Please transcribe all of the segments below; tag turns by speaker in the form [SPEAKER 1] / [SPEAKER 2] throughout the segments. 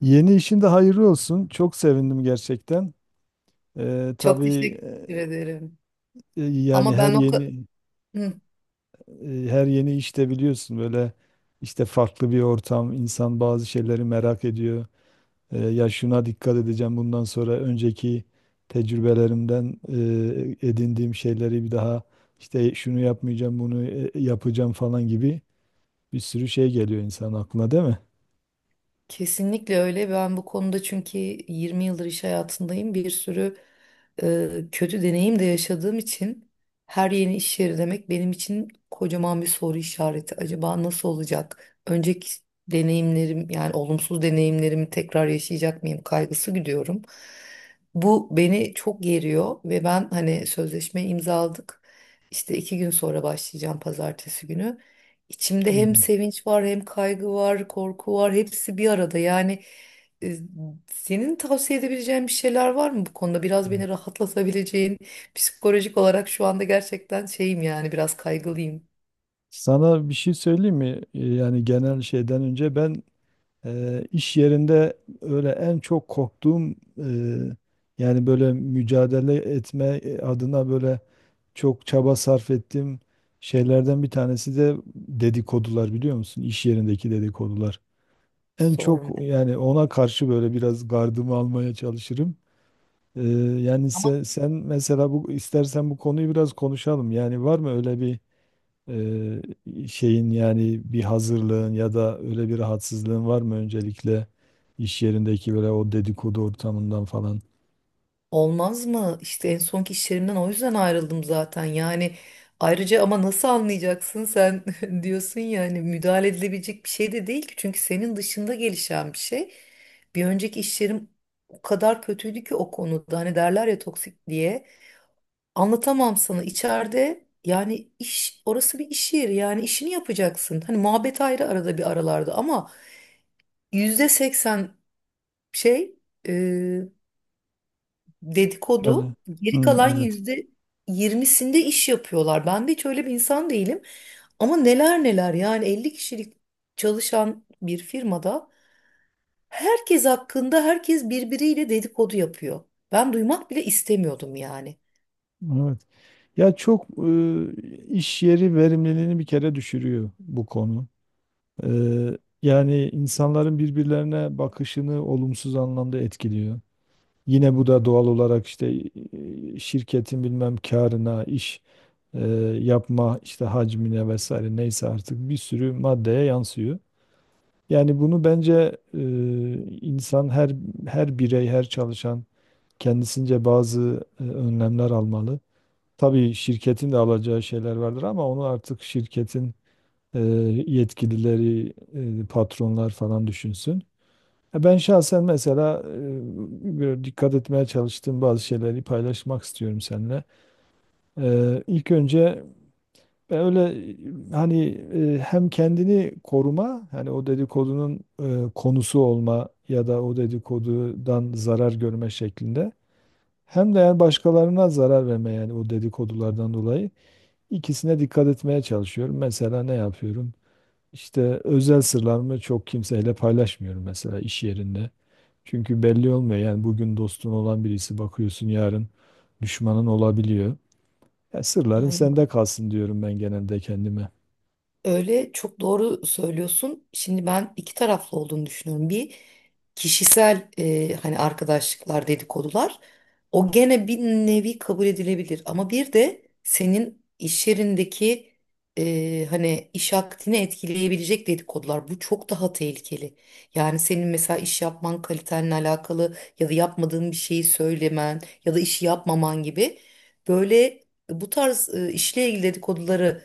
[SPEAKER 1] Yeni işin de hayırlı olsun. Çok sevindim gerçekten.
[SPEAKER 2] Çok
[SPEAKER 1] Tabii.
[SPEAKER 2] teşekkür ederim.
[SPEAKER 1] Yani
[SPEAKER 2] Ama
[SPEAKER 1] her
[SPEAKER 2] ben o ka-
[SPEAKER 1] yeni,
[SPEAKER 2] Hı,
[SPEAKER 1] her yeni işte biliyorsun böyle işte farklı bir ortam. İnsan bazı şeyleri merak ediyor. Ya şuna dikkat edeceğim bundan sonra, önceki tecrübelerimden edindiğim şeyleri bir daha, işte şunu yapmayacağım, bunu yapacağım falan gibi bir sürü şey geliyor insan aklına, değil mi?
[SPEAKER 2] kesinlikle öyle. Ben bu konuda çünkü 20 yıldır iş hayatındayım. Bir sürü kötü deneyim de yaşadığım için her yeni iş yeri demek benim için kocaman bir soru işareti. Acaba nasıl olacak? Önceki deneyimlerim, yani olumsuz deneyimlerimi tekrar yaşayacak mıyım kaygısı gidiyorum. Bu beni çok geriyor ve ben, hani, sözleşme imzaladık. İşte 2 gün sonra başlayacağım, pazartesi günü. İçimde hem
[SPEAKER 1] Hmm.
[SPEAKER 2] sevinç var, hem kaygı var, korku var. Hepsi bir arada. Yani, e, senin tavsiye edebileceğin bir şeyler var mı bu konuda? Biraz beni rahatlatabileceğin, psikolojik olarak şu anda gerçekten şeyim, yani biraz kaygılıyım.
[SPEAKER 1] Sana bir şey söyleyeyim mi? Yani genel şeyden önce, ben iş yerinde öyle en çok korktuğum eee, yani böyle mücadele etme adına, böyle çok çaba sarf ettiğim şeylerden bir tanesi de dedikodular, biliyor musun? İş yerindeki dedikodular. En çok
[SPEAKER 2] Sorma.
[SPEAKER 1] yani ona karşı böyle biraz gardımı almaya çalışırım. Eee, Yani sen mesela, bu, istersen bu konuyu biraz konuşalım. Yani var mı öyle bir ee, şeyin, yani bir hazırlığın ya da öyle bir rahatsızlığın var mı, öncelikle iş yerindeki böyle o dedikodu ortamından falan?
[SPEAKER 2] Olmaz mı? İşte en sonki iş yerimden o yüzden ayrıldım zaten. Yani ayrıca, ama nasıl anlayacaksın sen? Diyorsun ya, hani müdahale edilebilecek bir şey de değil ki. Çünkü senin dışında gelişen bir şey. Bir önceki iş yerim o kadar kötüydü ki o konuda. Hani derler ya, toksik diye. Anlatamam sana içeride. Yani iş, orası bir iş yeri, yani işini yapacaksın. Hani muhabbet ayrı, arada bir aralarda, ama %80 şey,
[SPEAKER 1] Yani,
[SPEAKER 2] dedikodu, geri
[SPEAKER 1] hı,
[SPEAKER 2] kalan
[SPEAKER 1] evet.
[SPEAKER 2] %20'sinde iş yapıyorlar. Ben de hiç öyle bir insan değilim. Ama neler neler, yani 50 kişilik çalışan bir firmada herkes hakkında herkes birbiriyle dedikodu yapıyor. Ben duymak bile istemiyordum yani.
[SPEAKER 1] Evet. Ya çok, iş yeri verimliliğini bir kere düşürüyor bu konu. Yani insanların birbirlerine bakışını olumsuz anlamda etkiliyor. Yine bu da doğal olarak işte, şirketin bilmem karına, iş e, yapma işte hacmine vesaire, neyse artık bir sürü maddeye yansıyor. Yani bunu bence, insan her birey, her çalışan kendisince bazı önlemler almalı. Tabii şirketin de alacağı şeyler vardır, ama onu artık şirketin e, yetkilileri, patronlar falan düşünsün. Ya, ben şahsen mesela böyle dikkat etmeye çalıştığım bazı şeyleri paylaşmak istiyorum seninle. İlk önce ben öyle, hani hem kendini koruma, hani o dedikodunun konusu olma ya da o dedikodudan zarar görme şeklinde. Hem de yani başkalarına zarar verme, yani o dedikodulardan dolayı, ikisine dikkat etmeye çalışıyorum. Mesela ne yapıyorum? İşte özel sırlarımı çok kimseyle paylaşmıyorum mesela iş yerinde. Çünkü belli olmuyor. Yani bugün dostun olan birisi, bakıyorsun, yarın düşmanın olabiliyor. Ya sırların sende kalsın, diyorum ben genelde kendime.
[SPEAKER 2] Öyle çok doğru söylüyorsun. Şimdi ben iki taraflı olduğunu düşünüyorum. Bir, kişisel, hani arkadaşlıklar, dedikodular, o gene bir nevi kabul edilebilir. Ama bir de senin iş yerindeki, hani iş akdini etkileyebilecek dedikodular, bu çok daha tehlikeli. Yani senin mesela iş yapman kalitenle alakalı, ya da yapmadığın bir şeyi söylemen ya da işi yapmaman gibi, böyle bu tarz işle ilgili dedikoduları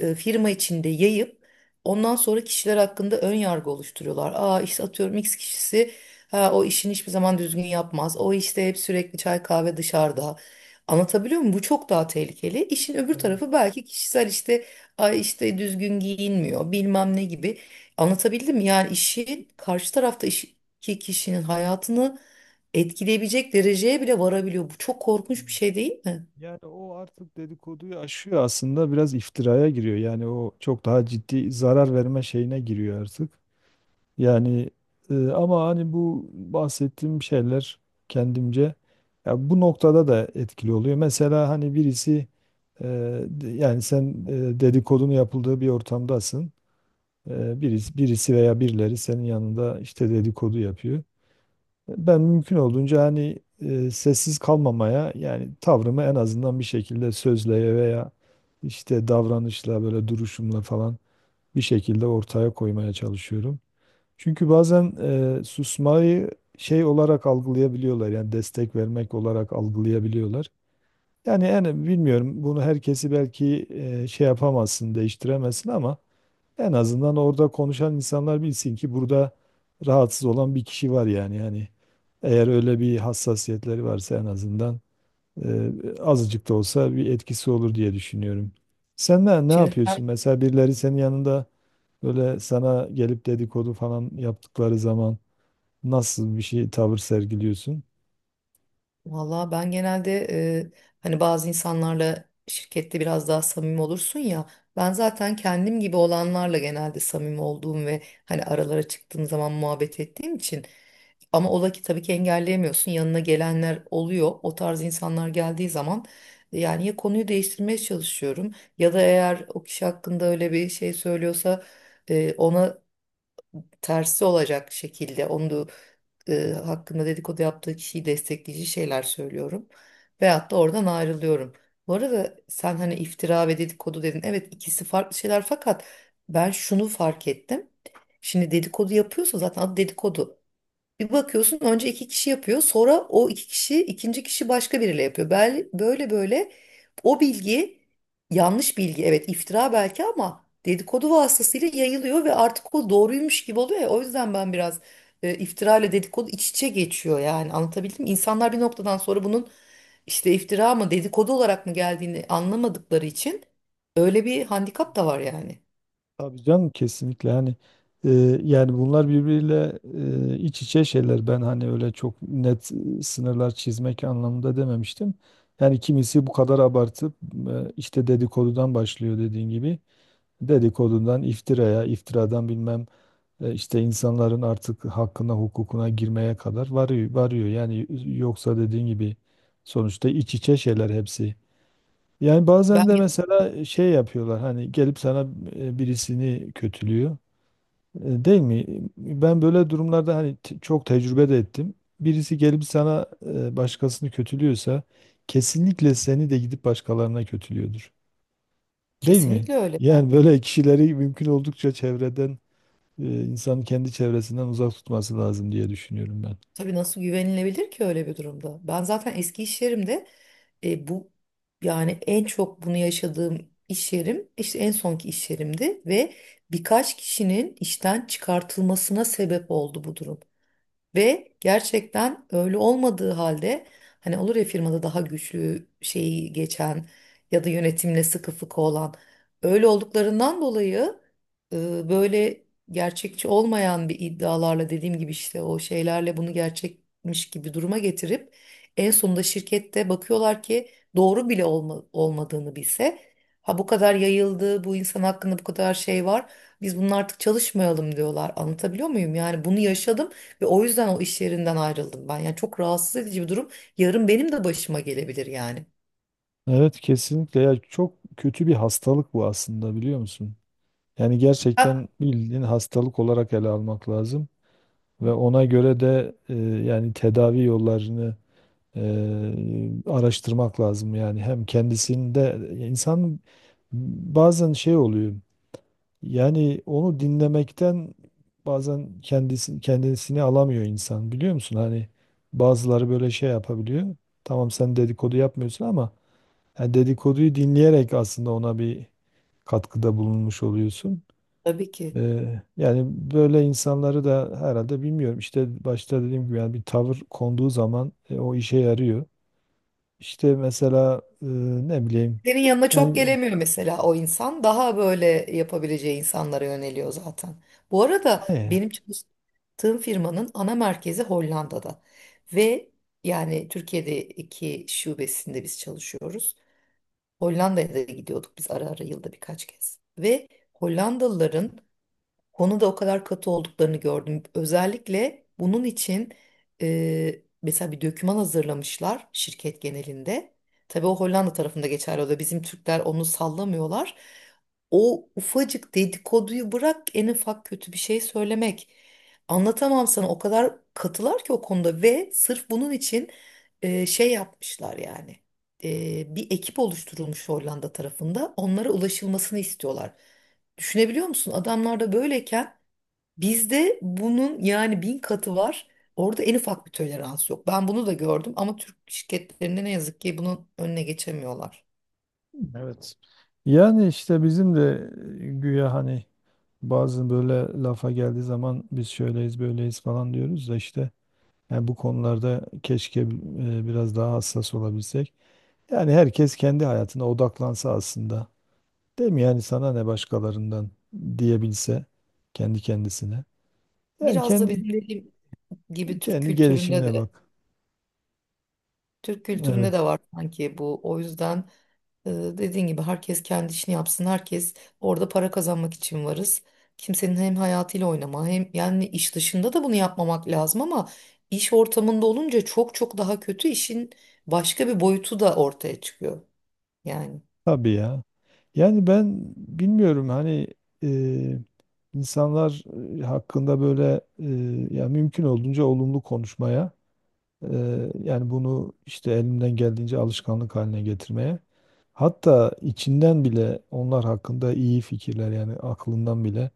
[SPEAKER 2] firma içinde yayıp ondan sonra kişiler hakkında ön yargı oluşturuyorlar. Aa işte, atıyorum, X kişisi, ha, o işini hiçbir zaman düzgün yapmaz. O işte hep sürekli çay kahve dışarıda. Anlatabiliyor muyum? Bu çok daha tehlikeli. İşin öbür
[SPEAKER 1] Evet.
[SPEAKER 2] tarafı belki kişisel, işte ay işte düzgün giyinmiyor, bilmem ne gibi. Anlatabildim mi? Yani işin karşı tarafta iş, ki kişinin hayatını etkileyebilecek dereceye bile varabiliyor. Bu çok korkunç bir
[SPEAKER 1] Evet.
[SPEAKER 2] şey değil mi?
[SPEAKER 1] Yani o artık dedikoduyu aşıyor aslında, biraz iftiraya giriyor. Yani o çok daha ciddi zarar verme şeyine giriyor artık. Yani, ama hani bu bahsettiğim şeyler kendimce, ya bu noktada da etkili oluyor. Mesela hani birisi, e, yani sen, dedikodunu yapıldığı bir ortamdasın. Birisi, veya birileri senin yanında işte dedikodu yapıyor. Ben mümkün olduğunca hani sessiz kalmamaya, yani tavrımı en azından bir şekilde sözle veya işte davranışla, böyle duruşumla falan, bir şekilde ortaya koymaya çalışıyorum. Çünkü bazen susmayı şey olarak algılayabiliyorlar, yani destek vermek olarak algılayabiliyorlar. Yani en, bilmiyorum, bunu herkesi belki şey yapamazsın, değiştiremezsin ama en azından orada konuşan insanlar bilsin ki burada rahatsız olan bir kişi var yani. Yani eğer öyle bir hassasiyetleri varsa en azından e, azıcık da olsa bir etkisi olur diye düşünüyorum. Sen ne
[SPEAKER 2] Şimdi
[SPEAKER 1] yapıyorsun mesela? Birileri senin yanında böyle sana gelip dedikodu falan yaptıkları zaman nasıl bir şey, tavır sergiliyorsun?
[SPEAKER 2] Valla, ben genelde hani bazı insanlarla şirkette biraz daha samimi olursun ya. Ben zaten kendim gibi olanlarla genelde samimi olduğum ve hani aralara çıktığım zaman muhabbet ettiğim için. Ama ola ki, tabii ki, engelleyemiyorsun. Yanına gelenler oluyor. O tarz insanlar geldiği zaman, yani ya konuyu değiştirmeye çalışıyorum, ya da eğer o kişi hakkında öyle bir şey söylüyorsa, ona tersi olacak şekilde onu da, hakkında dedikodu yaptığı kişiyi destekleyici şeyler söylüyorum. Veyahut da oradan ayrılıyorum. Bu arada, sen hani iftira ve dedikodu dedin. Evet, ikisi farklı şeyler, fakat ben şunu fark ettim. Şimdi dedikodu yapıyorsa zaten adı dedikodu. Bir bakıyorsun, önce iki kişi yapıyor, sonra o iki kişi ikinci kişi başka biriyle yapıyor. Böyle böyle o bilgi, yanlış bilgi, evet iftira belki, ama dedikodu vasıtasıyla yayılıyor ve artık o doğruymuş gibi oluyor ya. O yüzden ben biraz, iftira ile dedikodu iç içe geçiyor, yani anlatabildim mi? İnsanlar bir noktadan sonra bunun işte iftira mı, dedikodu olarak mı geldiğini anlamadıkları için öyle bir handikap da var yani.
[SPEAKER 1] Tabii canım, kesinlikle, hani e, yani bunlar birbiriyle iç içe şeyler. Ben hani öyle çok net sınırlar çizmek anlamında dememiştim. Yani kimisi bu kadar abartıp işte dedikodudan başlıyor dediğin gibi. Dedikodudan iftiraya, iftiradan bilmem, işte insanların artık hakkına, hukukuna girmeye kadar varıyor. Yani yoksa dediğin gibi sonuçta iç içe şeyler hepsi. Yani bazen
[SPEAKER 2] Ben
[SPEAKER 1] de mesela şey yapıyorlar, hani gelip sana birisini kötülüyor. E, değil mi? Ben böyle durumlarda hani çok tecrübe de ettim. Birisi gelip sana başkasını kötülüyorsa kesinlikle seni de gidip başkalarına kötülüyordur. Değil mi?
[SPEAKER 2] kesinlikle öyle.
[SPEAKER 1] Yani böyle kişileri mümkün oldukça çevreden, insanın kendi çevresinden uzak tutması lazım diye düşünüyorum ben.
[SPEAKER 2] Tabii, nasıl güvenilebilir ki öyle bir durumda? Ben zaten eski iş yerimde, bu, yani en çok bunu yaşadığım iş yerim işte en sonki iş yerimdi ve birkaç kişinin işten çıkartılmasına sebep oldu bu durum. Ve gerçekten öyle olmadığı halde, hani olur ya firmada daha güçlü şeyi geçen ya da yönetimle sıkı fıkı olan, öyle olduklarından dolayı, böyle gerçekçi olmayan bir iddialarla, dediğim gibi işte o şeylerle bunu gerçekmiş gibi duruma getirip en sonunda şirkette bakıyorlar ki doğru bile olmadığını bilse, ha bu kadar yayıldı, bu insan hakkında bu kadar şey var, biz bunun artık çalışmayalım diyorlar. Anlatabiliyor muyum? Yani bunu yaşadım ve o yüzden o iş yerinden ayrıldım ben. Yani çok rahatsız edici bir durum. Yarın benim de başıma gelebilir yani.
[SPEAKER 1] Evet, kesinlikle. Ya çok kötü bir hastalık bu aslında, biliyor musun? Yani
[SPEAKER 2] Ha.
[SPEAKER 1] gerçekten bildiğin hastalık olarak ele almak lazım ve ona göre de yani tedavi yollarını e, araştırmak lazım. Yani hem kendisinde insan bazen şey oluyor, yani onu dinlemekten bazen kendisi kendisini alamıyor insan, biliyor musun? Hani bazıları böyle şey yapabiliyor. Tamam, sen dedikodu yapmıyorsun ama yani dedikoduyu dinleyerek aslında ona bir katkıda bulunmuş oluyorsun.
[SPEAKER 2] Tabii ki.
[SPEAKER 1] Yani böyle insanları da herhalde, bilmiyorum, İşte başta dediğim gibi yani bir tavır konduğu zaman o işe yarıyor. İşte mesela, ne bileyim,
[SPEAKER 2] Senin yanına çok
[SPEAKER 1] yani
[SPEAKER 2] gelemiyor mesela o insan. Daha böyle yapabileceği insanlara yöneliyor zaten. Bu arada
[SPEAKER 1] e,
[SPEAKER 2] benim çalıştığım firmanın ana merkezi Hollanda'da. Ve yani Türkiye'deki şubesinde biz çalışıyoruz. Hollanda'ya da gidiyorduk biz ara ara, yılda birkaç kez. Ve Hollandalıların konuda o kadar katı olduklarını gördüm. Özellikle bunun için mesela bir döküman hazırlamışlar şirket genelinde. Tabii o Hollanda tarafında geçerli oluyor. Bizim Türkler onu sallamıyorlar. O ufacık dedikoduyu bırak, en ufak kötü bir şey söylemek. Anlatamam sana, o kadar katılar ki o konuda ve sırf bunun için şey yapmışlar yani. Bir ekip oluşturulmuş Hollanda tarafında, onlara ulaşılmasını istiyorlar. Düşünebiliyor musun? Adamlar da böyleyken bizde bunun yani 1000 katı var. Orada en ufak bir tolerans yok. Ben bunu da gördüm ama Türk şirketlerinde ne yazık ki bunun önüne geçemiyorlar.
[SPEAKER 1] evet. Yani işte bizim de güya hani bazı böyle lafa geldiği zaman biz şöyleyiz böyleyiz falan diyoruz da, işte yani bu konularda keşke biraz daha hassas olabilsek. Yani herkes kendi hayatına odaklansa aslında. Değil mi? Yani sana ne başkalarından diyebilse kendi kendisine. Yani
[SPEAKER 2] Biraz da
[SPEAKER 1] kendi,
[SPEAKER 2] bizim, dediğim gibi, Türk kültüründe
[SPEAKER 1] gelişimine
[SPEAKER 2] de,
[SPEAKER 1] bak.
[SPEAKER 2] Türk kültüründe de
[SPEAKER 1] Evet.
[SPEAKER 2] var sanki bu. O yüzden, dediğin gibi, herkes kendi işini yapsın. Herkes orada para kazanmak için varız. Kimsenin hem hayatıyla oynama, hem yani iş dışında da bunu yapmamak lazım, ama iş ortamında olunca çok çok daha kötü, işin başka bir boyutu da ortaya çıkıyor. Yani.
[SPEAKER 1] Tabii ya. Yani ben bilmiyorum, hani e, insanlar hakkında böyle ya mümkün olduğunca olumlu konuşmaya, yani bunu işte elimden geldiğince alışkanlık haline getirmeye. Hatta içinden bile onlar hakkında iyi fikirler, yani aklından bile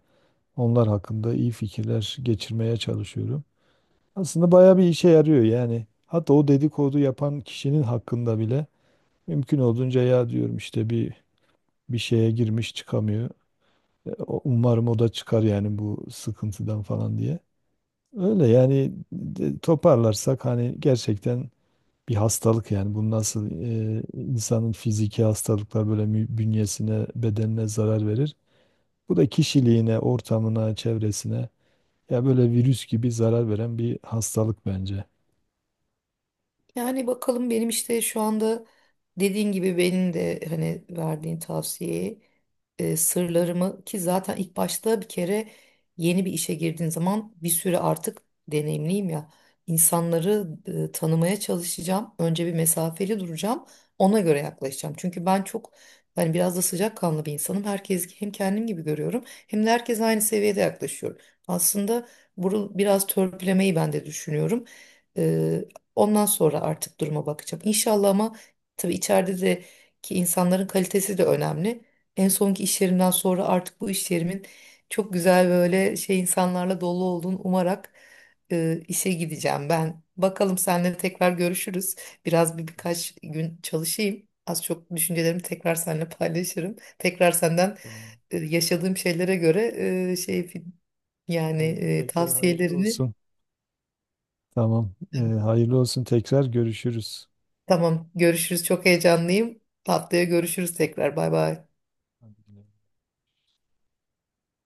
[SPEAKER 1] onlar hakkında iyi fikirler geçirmeye çalışıyorum. Aslında bayağı bir işe yarıyor yani. Hatta o dedikodu yapan kişinin hakkında bile mümkün olduğunca ya, diyorum, işte bir şeye girmiş çıkamıyor. Umarım o da çıkar yani bu sıkıntıdan falan diye. Öyle yani, toparlarsak hani gerçekten bir hastalık. Yani bu nasıl insanın fiziki hastalıklar böyle bünyesine, bedenine zarar verir. Bu da kişiliğine, ortamına, çevresine, ya böyle virüs gibi zarar veren bir hastalık bence.
[SPEAKER 2] Yani bakalım, benim işte şu anda dediğin gibi benim de, hani, verdiğin tavsiyeyi, sırlarımı, ki zaten ilk başta bir kere yeni bir işe girdiğin zaman bir süre artık, deneyimliyim ya, insanları tanımaya çalışacağım. Önce bir mesafeli duracağım. Ona göre yaklaşacağım. Çünkü ben çok, hani, biraz da sıcakkanlı bir insanım. Herkes hem kendim gibi görüyorum, hem de herkes aynı seviyede yaklaşıyorum. Aslında bunu biraz törpülemeyi ben de düşünüyorum. Ondan sonra artık duruma bakacağım. İnşallah. Ama tabii içeride de ki insanların kalitesi de önemli. En sonki iş yerimden sonra artık bu iş yerimin çok güzel, böyle şey, insanlarla dolu olduğunu umarak işe gideceğim ben. Bakalım, seninle tekrar görüşürüz. Biraz, bir birkaç gün çalışayım. Az çok düşüncelerimi tekrar seninle paylaşırım. Tekrar senden
[SPEAKER 1] Tamam.
[SPEAKER 2] yaşadığım şeylere göre şey, yani
[SPEAKER 1] Oldu, tekrar hayırlı
[SPEAKER 2] tavsiyelerini.
[SPEAKER 1] olsun. Tamam. Hayırlı olsun, tekrar görüşürüz.
[SPEAKER 2] Tamam, görüşürüz. Çok heyecanlıyım. Haftaya görüşürüz tekrar. Bay bay.
[SPEAKER 1] Hadi güle.